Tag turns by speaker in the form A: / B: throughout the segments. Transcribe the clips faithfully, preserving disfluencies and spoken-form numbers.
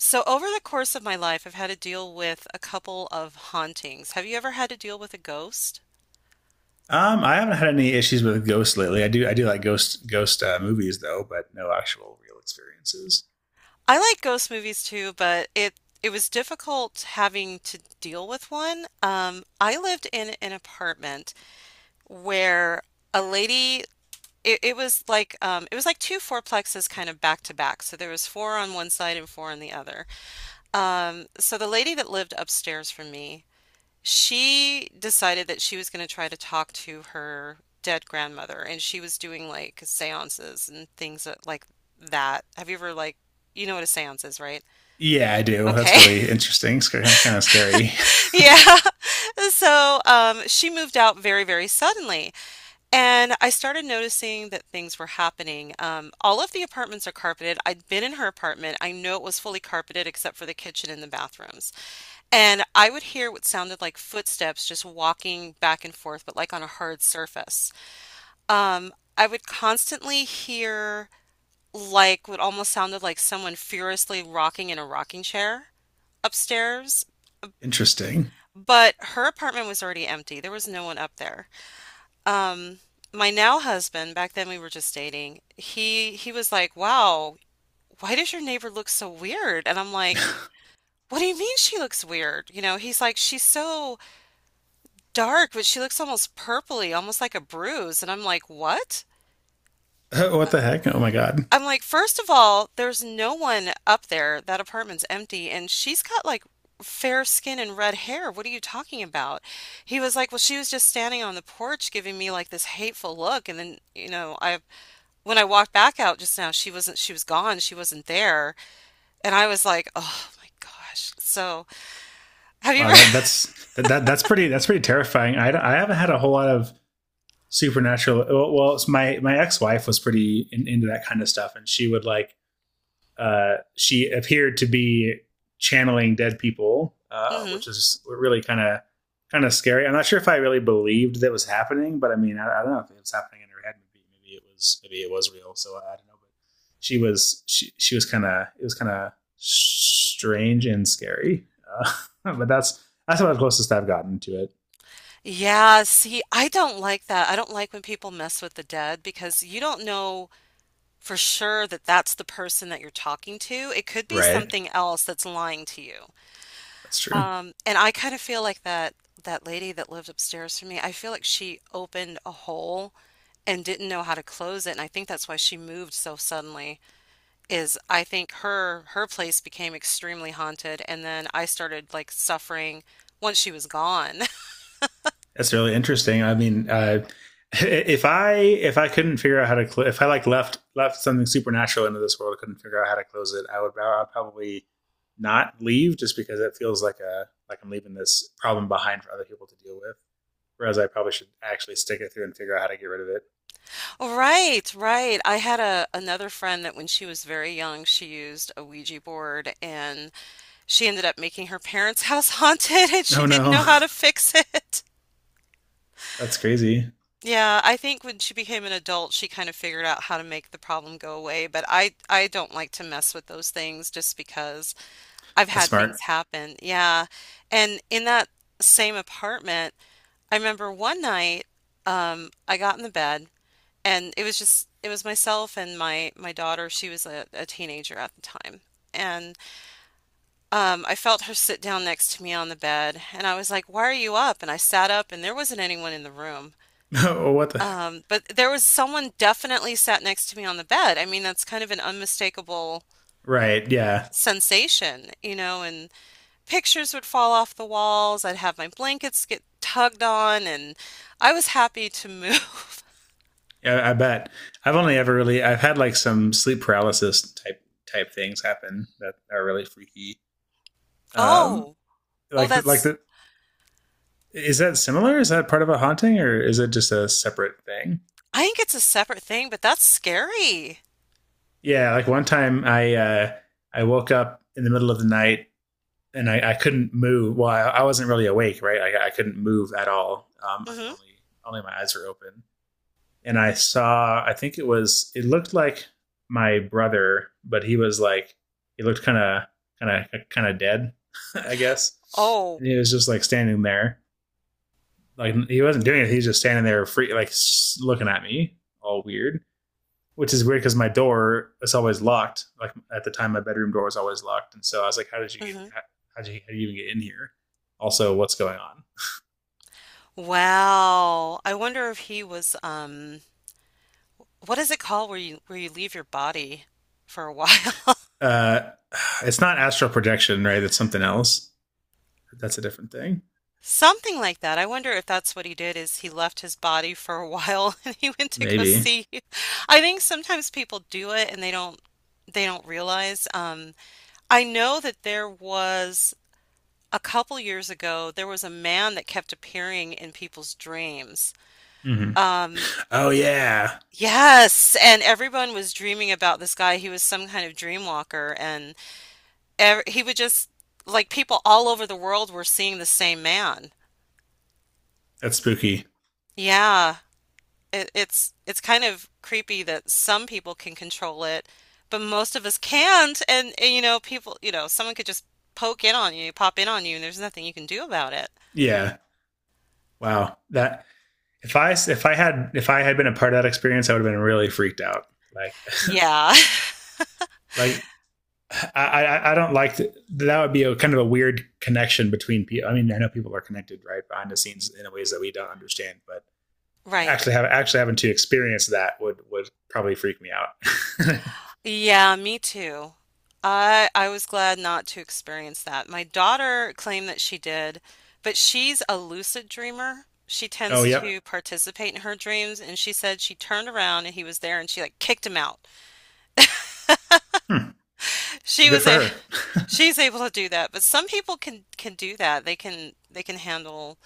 A: So, over the course of my life, I've had to deal with a couple of hauntings. Have you ever had to deal with a ghost?
B: Um, I haven't had any issues with Ghost lately. I do I do like Ghost Ghost uh, movies though, but no actual real experiences.
A: I like ghost movies too, but it it was difficult having to deal with one. Um, I lived in an apartment where a lady it, it was like um, it was like two fourplexes kind of back to back. So there was four on one side and four on the other. Um, so the lady that lived upstairs from me. She decided that she was going to try to talk to her dead grandmother, and she was doing like seances and things like that. Have you ever like you know what a seance is, right?
B: Yeah, I do. That's
A: Okay.
B: really interesting. It's kind of scary.
A: Yeah. So, um, she moved out very, very suddenly. And I started noticing that things were happening. Um, all of the apartments are carpeted. I'd been in her apartment. I know it was fully carpeted except for the kitchen and the bathrooms. And I would hear what sounded like footsteps just walking back and forth, but like on a hard surface. Um, I would constantly hear like what almost sounded like someone furiously rocking in a rocking chair upstairs.
B: Interesting.
A: But her apartment was already empty. There was no one up there. Um, my now husband, back then we were just dating, he he was like, "Wow, why does your neighbor look so weird?" And I'm like, "What do you mean she looks weird?" You know, he's like, "She's so dark, but she looks almost purpley, almost like a bruise." And I'm like, "What?"
B: Oh, what the heck? Oh my god!
A: I'm like, first of all, there's no one up there. That apartment's empty, and she's got like fair skin and red hair. What are you talking about? He was like, well, she was just standing on the porch giving me like this hateful look, and then, you know, I when I walked back out just now, she wasn't, she was gone, she wasn't there, and I was like, oh my gosh. So, have you
B: Wow,
A: ever?
B: that that's that, that that's pretty that's pretty terrifying. I I haven't had a whole lot of supernatural. Well, well it's my my ex wife was pretty in, into that kind of stuff, and she would like uh, she appeared to be channeling dead people, uh,
A: Hmm.
B: which is really kind of kind of scary. I'm not sure if I really believed that was happening, but I mean, I, I don't know if it was happening in her head. Maybe, maybe it was maybe it was real. So I don't know. But she was she she was kind of, it was kind of strange and scary. Uh, but that's that's about the closest I've gotten to it.
A: Yeah, see, I don't like that. I don't like when people mess with the dead because you don't know for sure that that's the person that you're talking to. It could be
B: Right.
A: something else that's lying to you.
B: That's true.
A: Um, and I kind of feel like that that lady that lived upstairs from me, I feel like she opened a hole and didn't know how to close it. And I think that's why she moved so suddenly is I think her her place became extremely haunted and then I started like suffering once she was gone.
B: That's really interesting. I mean, uh, if I if I couldn't figure out how to cl- if I like left left something supernatural into this world, couldn't figure out how to close it, I would I'd probably not leave just because it feels like a like I'm leaving this problem behind for other people to deal with. Whereas I probably should actually stick it through and figure out how to get rid of it.
A: Right, right. I had a another friend that when she was very young, she used a Ouija board and she ended up making her parents' house haunted and she
B: Oh
A: didn't
B: no,
A: know how to fix it.
B: that's crazy.
A: Yeah, I think when she became an adult, she kind of figured out how to make the problem go away, but I I don't like to mess with those things just because I've
B: That's
A: had things
B: smart.
A: happen. Yeah. And in that same apartment, I remember one night, um, I got in the bed and it was just it was myself and my my daughter. She was a, a teenager at the time. Um, I felt her sit down next to me on the bed, and I was like, why are you up? And I sat up, and there wasn't anyone in the room.
B: Oh, what the heck?
A: Um, but there was someone definitely sat next to me on the bed. I mean, that's kind of an unmistakable
B: Right? Yeah.
A: sensation, you know, and pictures would fall off the walls. I'd have my blankets get tugged on, and I was happy to move.
B: Yeah, I bet. I've only ever really I've had like some sleep paralysis type type things happen that are really freaky. Um,
A: Oh, well,
B: like the, like
A: that's,
B: the is that similar? Is that part of a haunting or is it just a separate thing?
A: I think it's a separate thing, but that's scary.
B: Yeah, like one time I uh, I woke up in the middle of the night and I, I couldn't move. Well, I, I wasn't really awake, right? Like I couldn't move at all. Um, I could
A: Hmm.
B: only only my eyes were open, and I saw. I think it was. It looked like my brother, but he was like he looked kind of kind of kind of dead, I guess.
A: Oh.
B: And he was just like standing there, like he wasn't doing it. He was just standing there, free, like looking at me, all weird. Which is weird because my door is always locked. Like at the time, my bedroom door was always locked, and so I was like, "How did you get?
A: Hmm.
B: How, how did you, how did you even get in here? Also, what's going on?"
A: Wow. I wonder if he was, um, what is it called where you where you leave your body for a while?
B: Uh, it's not astral projection, right? It's something else. That's a different thing,
A: Something like that. I wonder if that's what he did is he left his body for a while and he went to go
B: maybe.
A: see. I think sometimes people do it and they don't they don't realize. Um, I know that there was a couple years ago there was a man that kept appearing in people's dreams.
B: Hmm.
A: Um,
B: Oh yeah,
A: yes, and everyone was dreaming about this guy. He was some kind of dream walker and ev he would just like people all over the world were seeing the same man.
B: that's spooky.
A: Yeah, it, it's it's kind of creepy that some people can control it, but most of us can't. And, and you know, people, you know, someone could just poke in on you, pop in on you, and there's nothing you can do about it.
B: Yeah, wow. That if I if I had if I had been a part of that experience, I would have been really freaked out. Like
A: Yeah,
B: like I, I, I don't like to, that would be a kind of a weird connection between people. I mean, I know people are connected right behind the scenes in ways that we don't understand, but
A: right.
B: actually have actually having to experience that would would probably freak me out.
A: Yeah, me too. I I was glad not to experience that. My daughter claimed that she did, but she's a lucid dreamer. She
B: Oh,
A: tends
B: yep.
A: to participate in her dreams, and she said she turned around and he was there, and she like kicked him out.
B: Hmm.
A: She
B: Well, good
A: was
B: for
A: a
B: her.
A: she's able to do that, but some people can can do that. They can they can handle,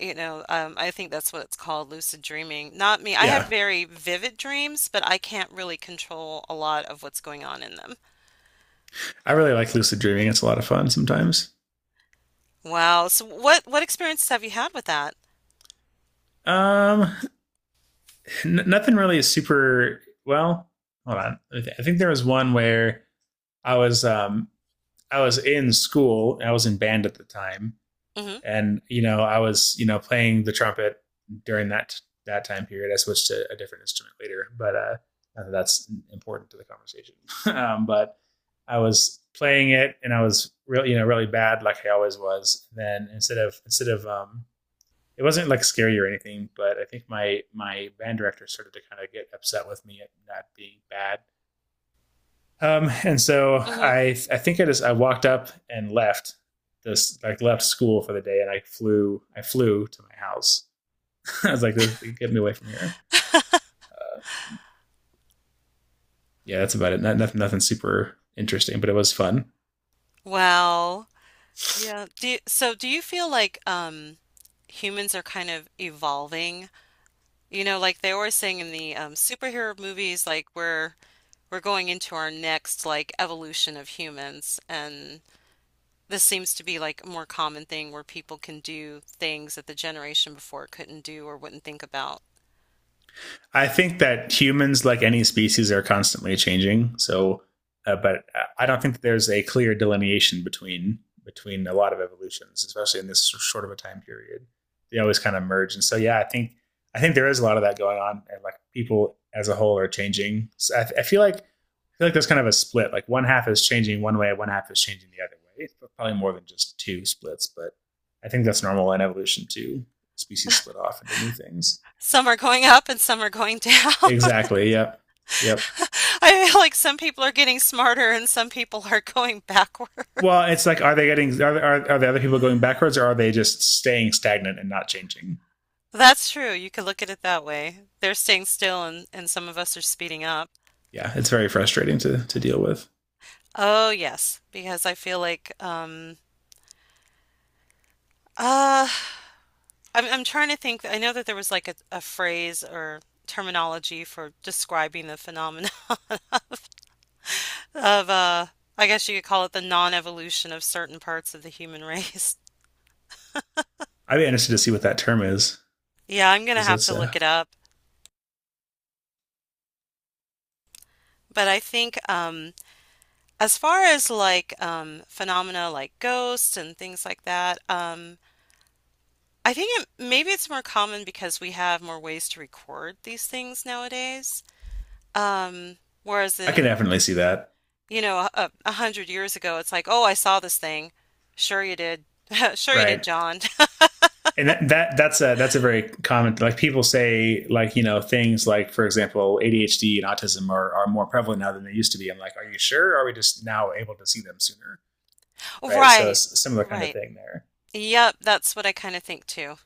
A: you know, um, I think that's what it's called, lucid dreaming. Not me. I have
B: Yeah,
A: very vivid dreams, but I can't really control a lot of what's going on in them.
B: I really like lucid dreaming. It's a lot of fun sometimes.
A: Wow. So what what experiences have you had with that?
B: Um, n- nothing really is super. Well, hold on. I think there was one where I was um I was in school. I was in band at the time,
A: Hmm.
B: and you know, I was you know, playing the trumpet during that that time period. I switched to a different instrument later, but uh that's important to the conversation. um, but I was playing it and I was really, you know, really bad like I always was then, instead of instead of um it wasn't like scary or anything, but I think my my band director started to kind of get upset with me at not being bad. um, and so
A: Hmm.
B: I, I think I just I walked up and left this like left school for the day, and I flew I flew to my house. I was like, "Get me away from here." Yeah, that's about it. Not nothing, nothing super interesting, but it was fun.
A: Wow. Yeah. Do you, so do you feel like um humans are kind of evolving? You know, like they always saying in the um superhero movies, like we're we're going into our next like evolution of humans and this seems to be like a more common thing where people can do things that the generation before couldn't do or wouldn't think about.
B: I think that humans, like any species, are constantly changing. So, uh, but uh, I don't think that there's a clear delineation between between a lot of evolutions, especially in this short of a time period. They always kind of merge, and so yeah, I think I think there is a lot of that going on, and like people as a whole are changing. So I, I feel like I feel like there's kind of a split. Like one half is changing one way, one half is changing the other way. It's probably more than just two splits, but I think that's normal in evolution too. Species split off into new things.
A: Some are going up and some are going down.
B: Exactly. Yep. Yep.
A: I feel like some people are getting smarter and some people are going backward.
B: Well, it's like, are they getting are are, are the other people going backwards, or are they just staying stagnant and not changing?
A: That's true. You could look at it that way. They're staying still and, and some of us are speeding up.
B: Yeah, it's very frustrating to to deal with.
A: Oh, yes, because I feel like um uh I'm I'm trying to think. I know that there was like a, a phrase or terminology for describing the phenomenon of uh I guess you could call it the non-evolution of certain parts of the human race.
B: I'd be interested to see what that term is
A: Yeah, I'm gonna
B: because
A: have
B: that's
A: to look
B: uh,
A: it up. But I think um as far as like um, phenomena like ghosts and things like that, um, I think it, maybe it's more common because we have more ways to record these things nowadays. Um, whereas
B: I can
A: in,
B: definitely see that,
A: you know, a, a hundred years ago, it's like, oh, I saw this thing. Sure you did. Sure you did,
B: right?
A: John.
B: And that, that that's a that's a very common, like people say, like, you know, things like for example A D H D and autism are are more prevalent now than they used to be. I'm like, are you sure? Or are we just now able to see them sooner? Right? So
A: Right,
B: it's a similar kind of
A: right.
B: thing there.
A: Yep, that's what I kind of think too.